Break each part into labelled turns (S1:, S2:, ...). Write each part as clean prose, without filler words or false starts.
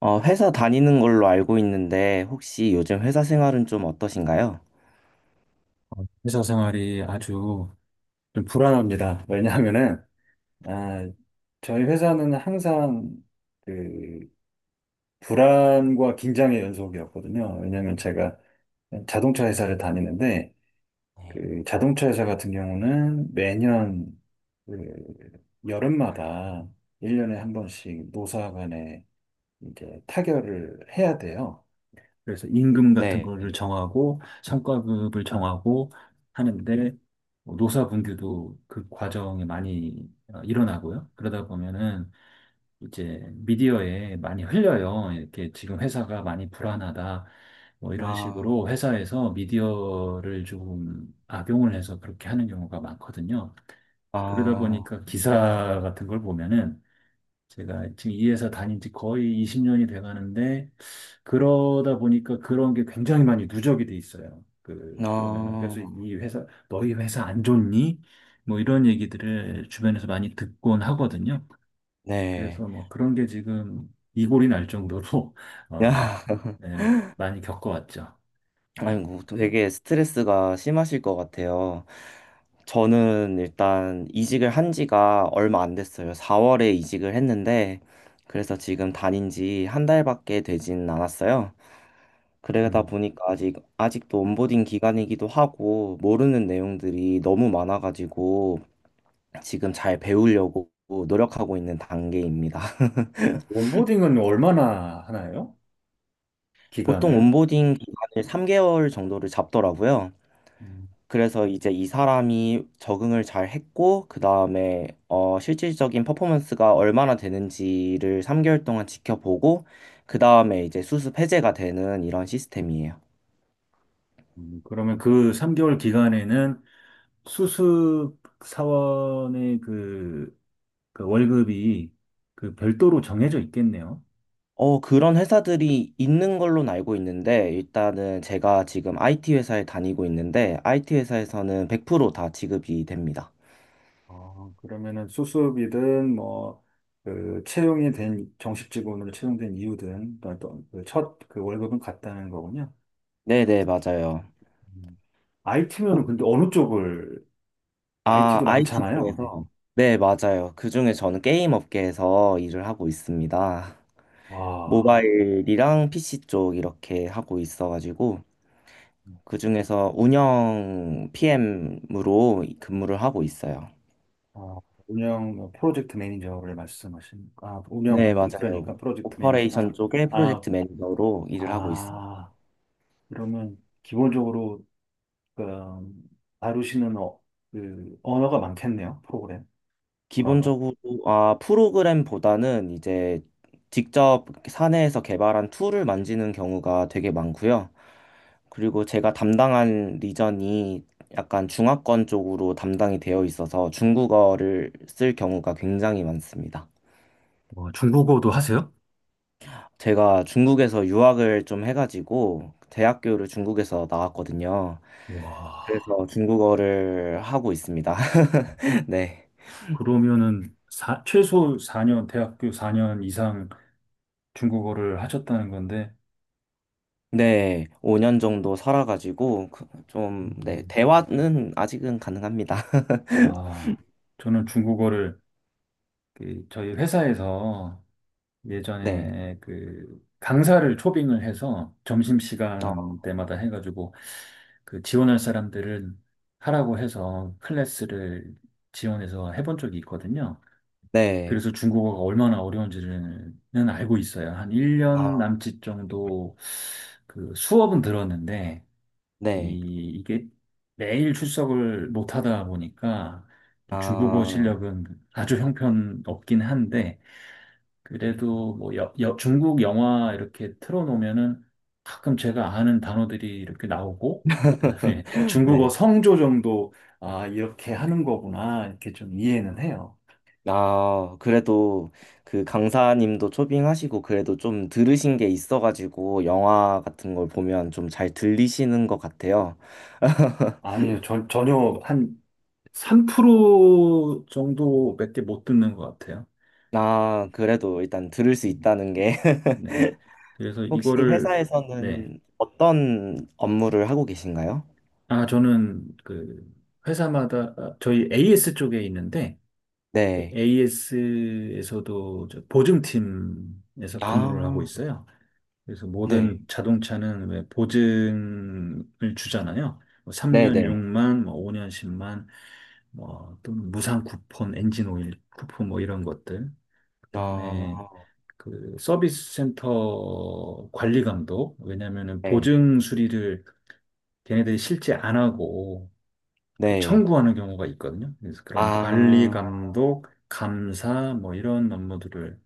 S1: 회사 다니는 걸로 알고 있는데 혹시 요즘 회사 생활은 좀 어떠신가요?
S2: 회사 생활이 아주 좀 불안합니다. 왜냐하면은, 아, 저희 회사는 항상 그 불안과 긴장의 연속이었거든요. 왜냐하면 제가 자동차 회사를 다니는데, 그 자동차 회사 같은 경우는 매년 그 여름마다 일년에한 번씩 노사 간에 이제 타결을 해야 돼요. 그래서 임금 같은
S1: 네.
S2: 거를 정하고 성과급을 정하고 하는데 뭐 노사분규도 그 과정에 많이 일어나고요. 그러다 보면은 이제 미디어에 많이 흘려요. 이렇게 지금 회사가 많이 불안하다. 뭐 이런
S1: 아,
S2: 식으로 회사에서 미디어를 조금 악용을 해서 그렇게 하는 경우가 많거든요. 그러다
S1: 아,
S2: 보니까 기사 같은 걸 보면은 제가 지금 이 회사 다닌 지 거의 20년이 돼 가는데, 그러다 보니까 그런 게 굉장히 많이 누적이 돼 있어요. 보면은.
S1: 아,
S2: 그래서 이 회사, 너희 회사 안 좋니? 뭐 이런 얘기들을 주변에서 많이 듣곤 하거든요.
S1: 네.
S2: 그래서 뭐 그런 게 지금 이골이 날 정도로, 어, 네, 많이 겪어왔죠. 어,
S1: 아이고, 되게 스트레스가 심하실 것 같아요. 저는 일단 이직을 한 지가 얼마 안 됐어요. 4월에 이직을 했는데, 그래서 지금 다닌 지 한 달밖에 되진 않았어요. 그러다
S2: 음.
S1: 보니까 아직도 온보딩 기간이기도 하고, 모르는 내용들이 너무 많아가지고, 지금 잘 배우려고 노력하고 있는 단계입니다.
S2: 온보딩은 얼마나 하나요?
S1: 보통
S2: 기간을?
S1: 온보딩 기간을 3개월 정도를 잡더라고요.
S2: 음,
S1: 그래서 이제 이 사람이 적응을 잘 했고, 그 다음에 실질적인 퍼포먼스가 얼마나 되는지를 3개월 동안 지켜보고, 그 다음에 이제 수습 해제가 되는 이런 시스템이에요.
S2: 그러면 그 3개월 기간에는 수습 사원의 그 월급이 별도로 정해져 있겠네요.
S1: 그런 회사들이 있는 걸로 알고 있는데, 일단은 제가 지금 IT 회사에 다니고 있는데, IT 회사에서는 100%다 지급이 됩니다.
S2: 그러면은 수습이든 뭐, 채용이 된, 정식 직원으로 채용된 이유든, 어떤 그 월급은 같다는 거군요.
S1: 네네, 맞아요.
S2: 음. IT면은 근데 어느 쪽을,
S1: 아,
S2: IT도
S1: IT
S2: 많잖아요. 네.
S1: 중에서? 네, 맞아요. 그중에 저는 게임 업계에서 일을 하고 있습니다.
S2: 와,
S1: 모바일이랑 PC 쪽 이렇게 하고 있어가지고, 그중에서 운영 PM으로 근무를 하고 있어요.
S2: 아, 운영, 뭐 프로젝트 매니저를 말씀하신, 운영,
S1: 네, 맞아요.
S2: 그러니까 프로젝트 매니저,
S1: 오퍼레이션 쪽에
S2: 아,
S1: 프로젝트 매니저로 일을 하고 있습니다.
S2: 아. 그러면 기본적으로 그, 음, 다루시는 그 언어가 많겠네요. 프로그램 언어가.
S1: 기본적으로 아, 프로그램보다는 이제 직접 사내에서 개발한 툴을 만지는 경우가 되게 많고요. 그리고 제가 담당한 리전이 약간 중화권 쪽으로 담당이 되어 있어서 중국어를 쓸 경우가 굉장히 많습니다.
S2: 와, 중국어도 하세요?
S1: 제가 중국에서 유학을 좀 해가지고 대학교를 중국에서 나왔거든요.
S2: 와,
S1: 그래서 중국어를 하고 있습니다. 네.
S2: 그러면은 최소 4년, 대학교 4년 이상 중국어를 하셨다는 건데,
S1: 네, 5년 정도 살아가지고 좀, 네,
S2: 음,
S1: 대화는 아직은 가능합니다.
S2: 와, 저는 중국어를 그 저희 회사에서
S1: 네,
S2: 예전에 그 강사를 초빙을 해서
S1: 어,
S2: 점심시간 때마다 해가지고 그 지원할 사람들을 하라고 해서 클래스를 지원해서 해본 적이 있거든요.
S1: 네,
S2: 그래서 중국어가 얼마나 어려운지는 알고 있어요. 한 1년
S1: 아,
S2: 남짓 정도 그 수업은 들었는데
S1: 네,
S2: 이게 매일 출석을 못 하다 보니까 이 중국어
S1: 아,
S2: 실력은 아주 형편없긴 한데 그래도 뭐 중국 영화 이렇게 틀어놓으면은 가끔 제가 아는 단어들이 이렇게 나오고 그다음에 중국어
S1: 네,
S2: 성조 정도 아 이렇게 하는 거구나 이렇게 좀 이해는 해요.
S1: 아, 그래도 그 강사님도 초빙하시고 그래도 좀 들으신 게 있어가지고 영화 같은 걸 보면 좀 잘 들리시는 것 같아요.
S2: 아니요 전혀 한 3% 정도밖에 못 듣는 것 같아요.
S1: 아, 그래도 일단 들을 수
S2: 음,
S1: 있다는 게
S2: 네. 그래서
S1: 혹시
S2: 이거를 네.
S1: 회사에서는 어떤 업무를 하고 계신가요?
S2: 아 저는 회사마다 저희 AS 쪽에 있는데
S1: 네,
S2: AS에서도 보증팀에서 근무를 하고
S1: 아,
S2: 있어요. 그래서
S1: 네.
S2: 모든 자동차는 왜 보증을 주잖아요. 뭐 3년
S1: 네네.
S2: 6만, 뭐 5년 10만, 뭐 또는 무상 쿠폰, 엔진 오일 쿠폰 뭐 이런 것들. 그다음에
S1: 아,
S2: 그 서비스 센터 관리 감독. 왜냐면은
S1: 네.
S2: 보증 수리를 걔네들이 실제 안 하고
S1: 네.
S2: 청구하는 경우가 있거든요. 그래서 그런 관리
S1: 아,
S2: 감독, 감사 뭐 이런 업무들을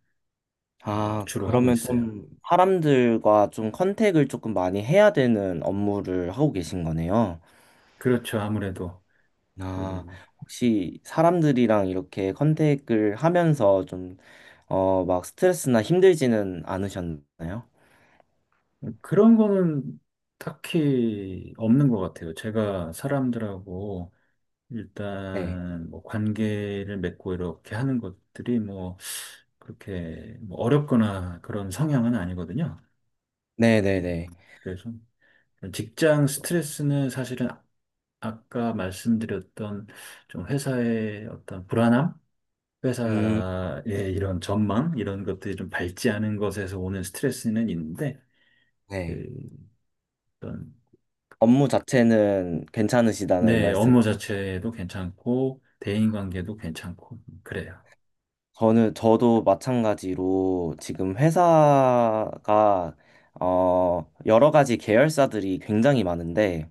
S1: 아,
S2: 주로 하고
S1: 그러면
S2: 있어요.
S1: 좀 사람들과 좀 컨택을 조금 많이 해야 되는 업무를 하고 계신 거네요.
S2: 그렇죠. 아무래도
S1: 아,
S2: 그,
S1: 혹시 사람들이랑 이렇게 컨택을 하면서 좀, 막 스트레스나 힘들지는 않으셨나요?
S2: 그런 거는 딱히 없는 것 같아요. 제가 사람들하고
S1: 네.
S2: 일단 뭐 관계를 맺고 이렇게 하는 것들이 뭐 그렇게 뭐 어렵거나 그런 성향은 아니거든요. 음,
S1: 네네네.
S2: 그래서 직장 스트레스는 사실은 아까 말씀드렸던 좀 회사의 어떤 불안함,
S1: 음,
S2: 회사의 이런 전망, 이런 것들이 좀 밝지 않은 것에서 오는 스트레스는 있는데, 그
S1: 네.
S2: 어떤,
S1: 업무 자체는 괜찮으시다는
S2: 네,
S1: 말씀.
S2: 업무 자체도 괜찮고, 대인관계도 괜찮고, 그래요.
S1: 저는 저도 마찬가지로 지금 회사가 여러 가지 계열사들이 굉장히 많은데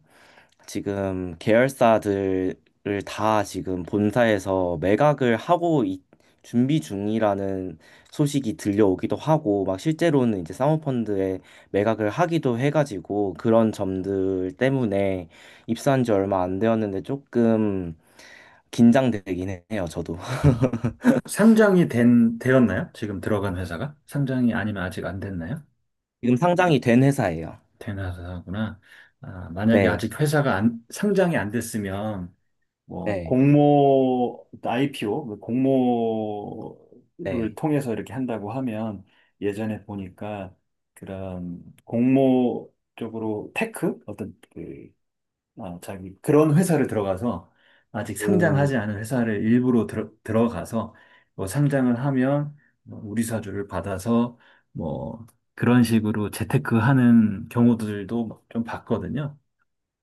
S1: 지금 계열사들을 다 지금 본사에서 매각을 하고 준비 중이라는 소식이 들려오기도 하고 막 실제로는 이제 사모펀드에 매각을 하기도 해가지고 그런 점들 때문에 입사한 지 얼마 안 되었는데 조금 긴장되긴 해요, 저도.
S2: 상장이 되었나요? 지금 들어간 회사가? 상장이 아니면 아직 안 됐나요?
S1: 지금 상장이 된 회사예요.
S2: 된 회사구나. 아, 만약에
S1: 네.
S2: 아직 회사가 안, 상장이 안 됐으면, 뭐
S1: 네,
S2: 공모 IPO, 공모를
S1: 네.
S2: 통해서 이렇게 한다고 하면 예전에 보니까 그런 공모 쪽으로 테크 어떤 자기 그런 회사를 들어가서 아직
S1: 오,
S2: 상장하지 않은 회사를 일부러 들어가서 뭐 상장을 하면 뭐 우리 사주를 받아서 뭐 그런 식으로 재테크하는 경우들도 좀 봤거든요.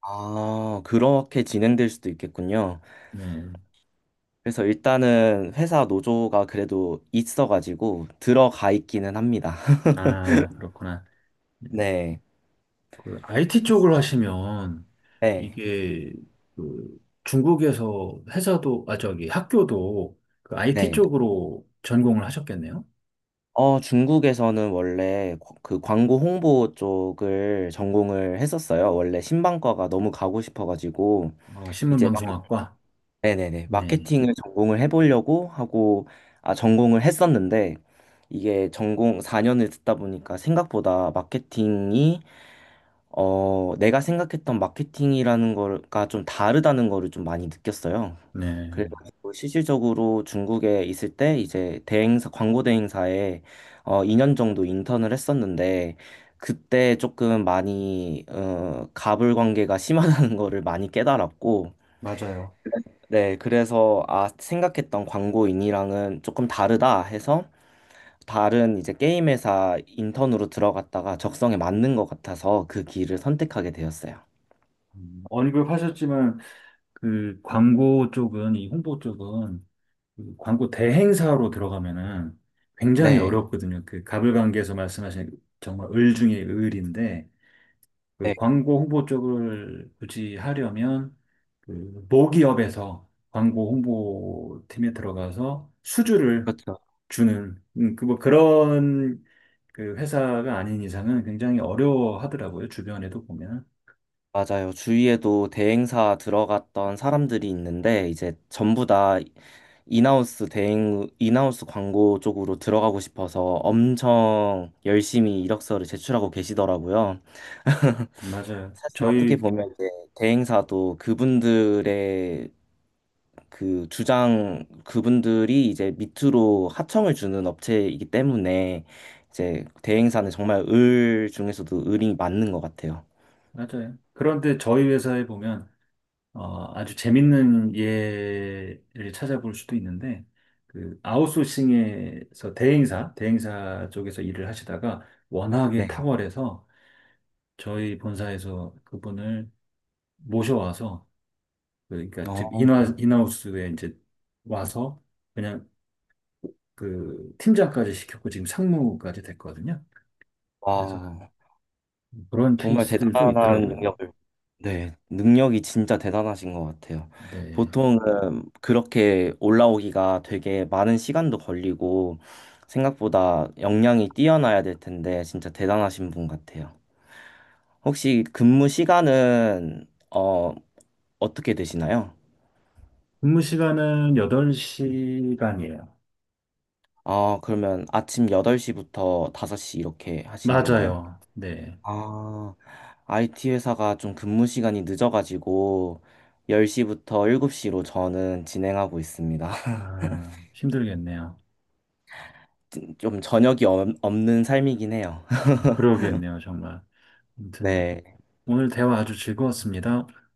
S1: 아, 그렇게 진행될 수도 있겠군요.
S2: 네.
S1: 그래서 일단은 회사 노조가 그래도 있어가지고 들어가 있기는 합니다.
S2: 아, 그렇구나. 네.
S1: 네,
S2: 그 IT 쪽을 하시면
S1: 네,
S2: 이게 그 중국에서 회사도 아 저기 학교도 그 IT
S1: 네.
S2: 쪽으로 전공을 하셨겠네요.
S1: 중국에서는 원래 그 광고 홍보 쪽을 전공을 했었어요. 원래 신방과가 너무 가고 싶어가지고 이제,
S2: 신문방송학과.
S1: 네네네,
S2: 네.
S1: 마케팅을 전공을 해보려고 하고, 아, 전공을 했었는데, 이게 전공 4년을 듣다 보니까 생각보다 마케팅이, 내가 생각했던 마케팅이라는 거가 좀 다르다는 거를 좀 많이 느꼈어요.
S2: 네.
S1: 그래가지고 실질적으로 중국에 있을 때 이제 대행사, 광고 대행사에 2년 정도 인턴을 했었는데, 그때 조금 많이, 갑을 관계가 심하다는 거를 많이 깨달았고,
S2: 맞아요.
S1: 네, 그래서 아, 생각했던 광고인이랑은 조금 다르다 해서 다른 이제 게임 회사 인턴으로 들어갔다가 적성에 맞는 것 같아서 그 길을 선택하게 되었어요.
S2: 언급하셨지만 그 광고 쪽은 이 홍보 쪽은 그 광고 대행사로 들어가면은 굉장히
S1: 네,
S2: 어렵거든요. 그 가불관계에서 말씀하신 정말 을 중에 을인데 그
S1: 네,
S2: 광고 홍보 쪽을 굳이 하려면 그 모기업에서 광고 홍보팀에 들어가서 수주를
S1: 그렇죠.
S2: 주는 그뭐 그런 그 회사가 아닌 이상은 굉장히 어려워하더라고요. 주변에도 보면.
S1: 맞아요. 주위에도 대행사 들어갔던 사람들이 있는데 이제 전부 다 인하우스 대행, 인하우스 광고 쪽으로 들어가고 싶어서 엄청 열심히 이력서를 제출하고 계시더라고요.
S2: 맞아요.
S1: 사실 어떻게
S2: 저희
S1: 보면 이제 대행사도 그분들이 이제 밑으로 하청을 주는 업체이기 때문에 이제 대행사는 정말 을 중에서도 을이 맞는 것 같아요.
S2: 맞아요. 그런데 저희 회사에 보면 아주 재밌는 예를 찾아볼 수도 있는데 그 아웃소싱에서 대행사 쪽에서 일을 하시다가 워낙에
S1: 네.
S2: 탁월해서 저희 본사에서 그분을 모셔와서 그러니까 즉
S1: 어,
S2: 인하 인하우스에 이제 와서 그냥 팀장까지 시켰고 지금 상무까지 됐거든요. 그래서
S1: 와.
S2: 그런
S1: 정말
S2: 케이스들도
S1: 대단한
S2: 있더라고요.
S1: 능력을, 네, 능력이 진짜 대단하신 것 같아요.
S2: 네.
S1: 보통은 그렇게 올라오기가 되게 많은 시간도 걸리고, 생각보다 역량이 뛰어나야 될 텐데, 진짜 대단하신 분 같아요. 혹시 근무 시간은, 어떻게 되시나요?
S2: 근무 시간은 8시간이에요.
S1: 아, 그러면 아침 8시부터 5시 이렇게 하시는 건가요?
S2: 맞아요. 네.
S1: 아, IT 회사가 좀 근무 시간이 늦어가지고 10시부터 7시로 저는 진행하고 있습니다.
S2: 아, 힘들겠네요.
S1: 좀 저녁이 없는 삶이긴 해요.
S2: 뭐 그러겠네요, 정말. 아무튼
S1: 네.
S2: 오늘 대화 아주 즐거웠습니다.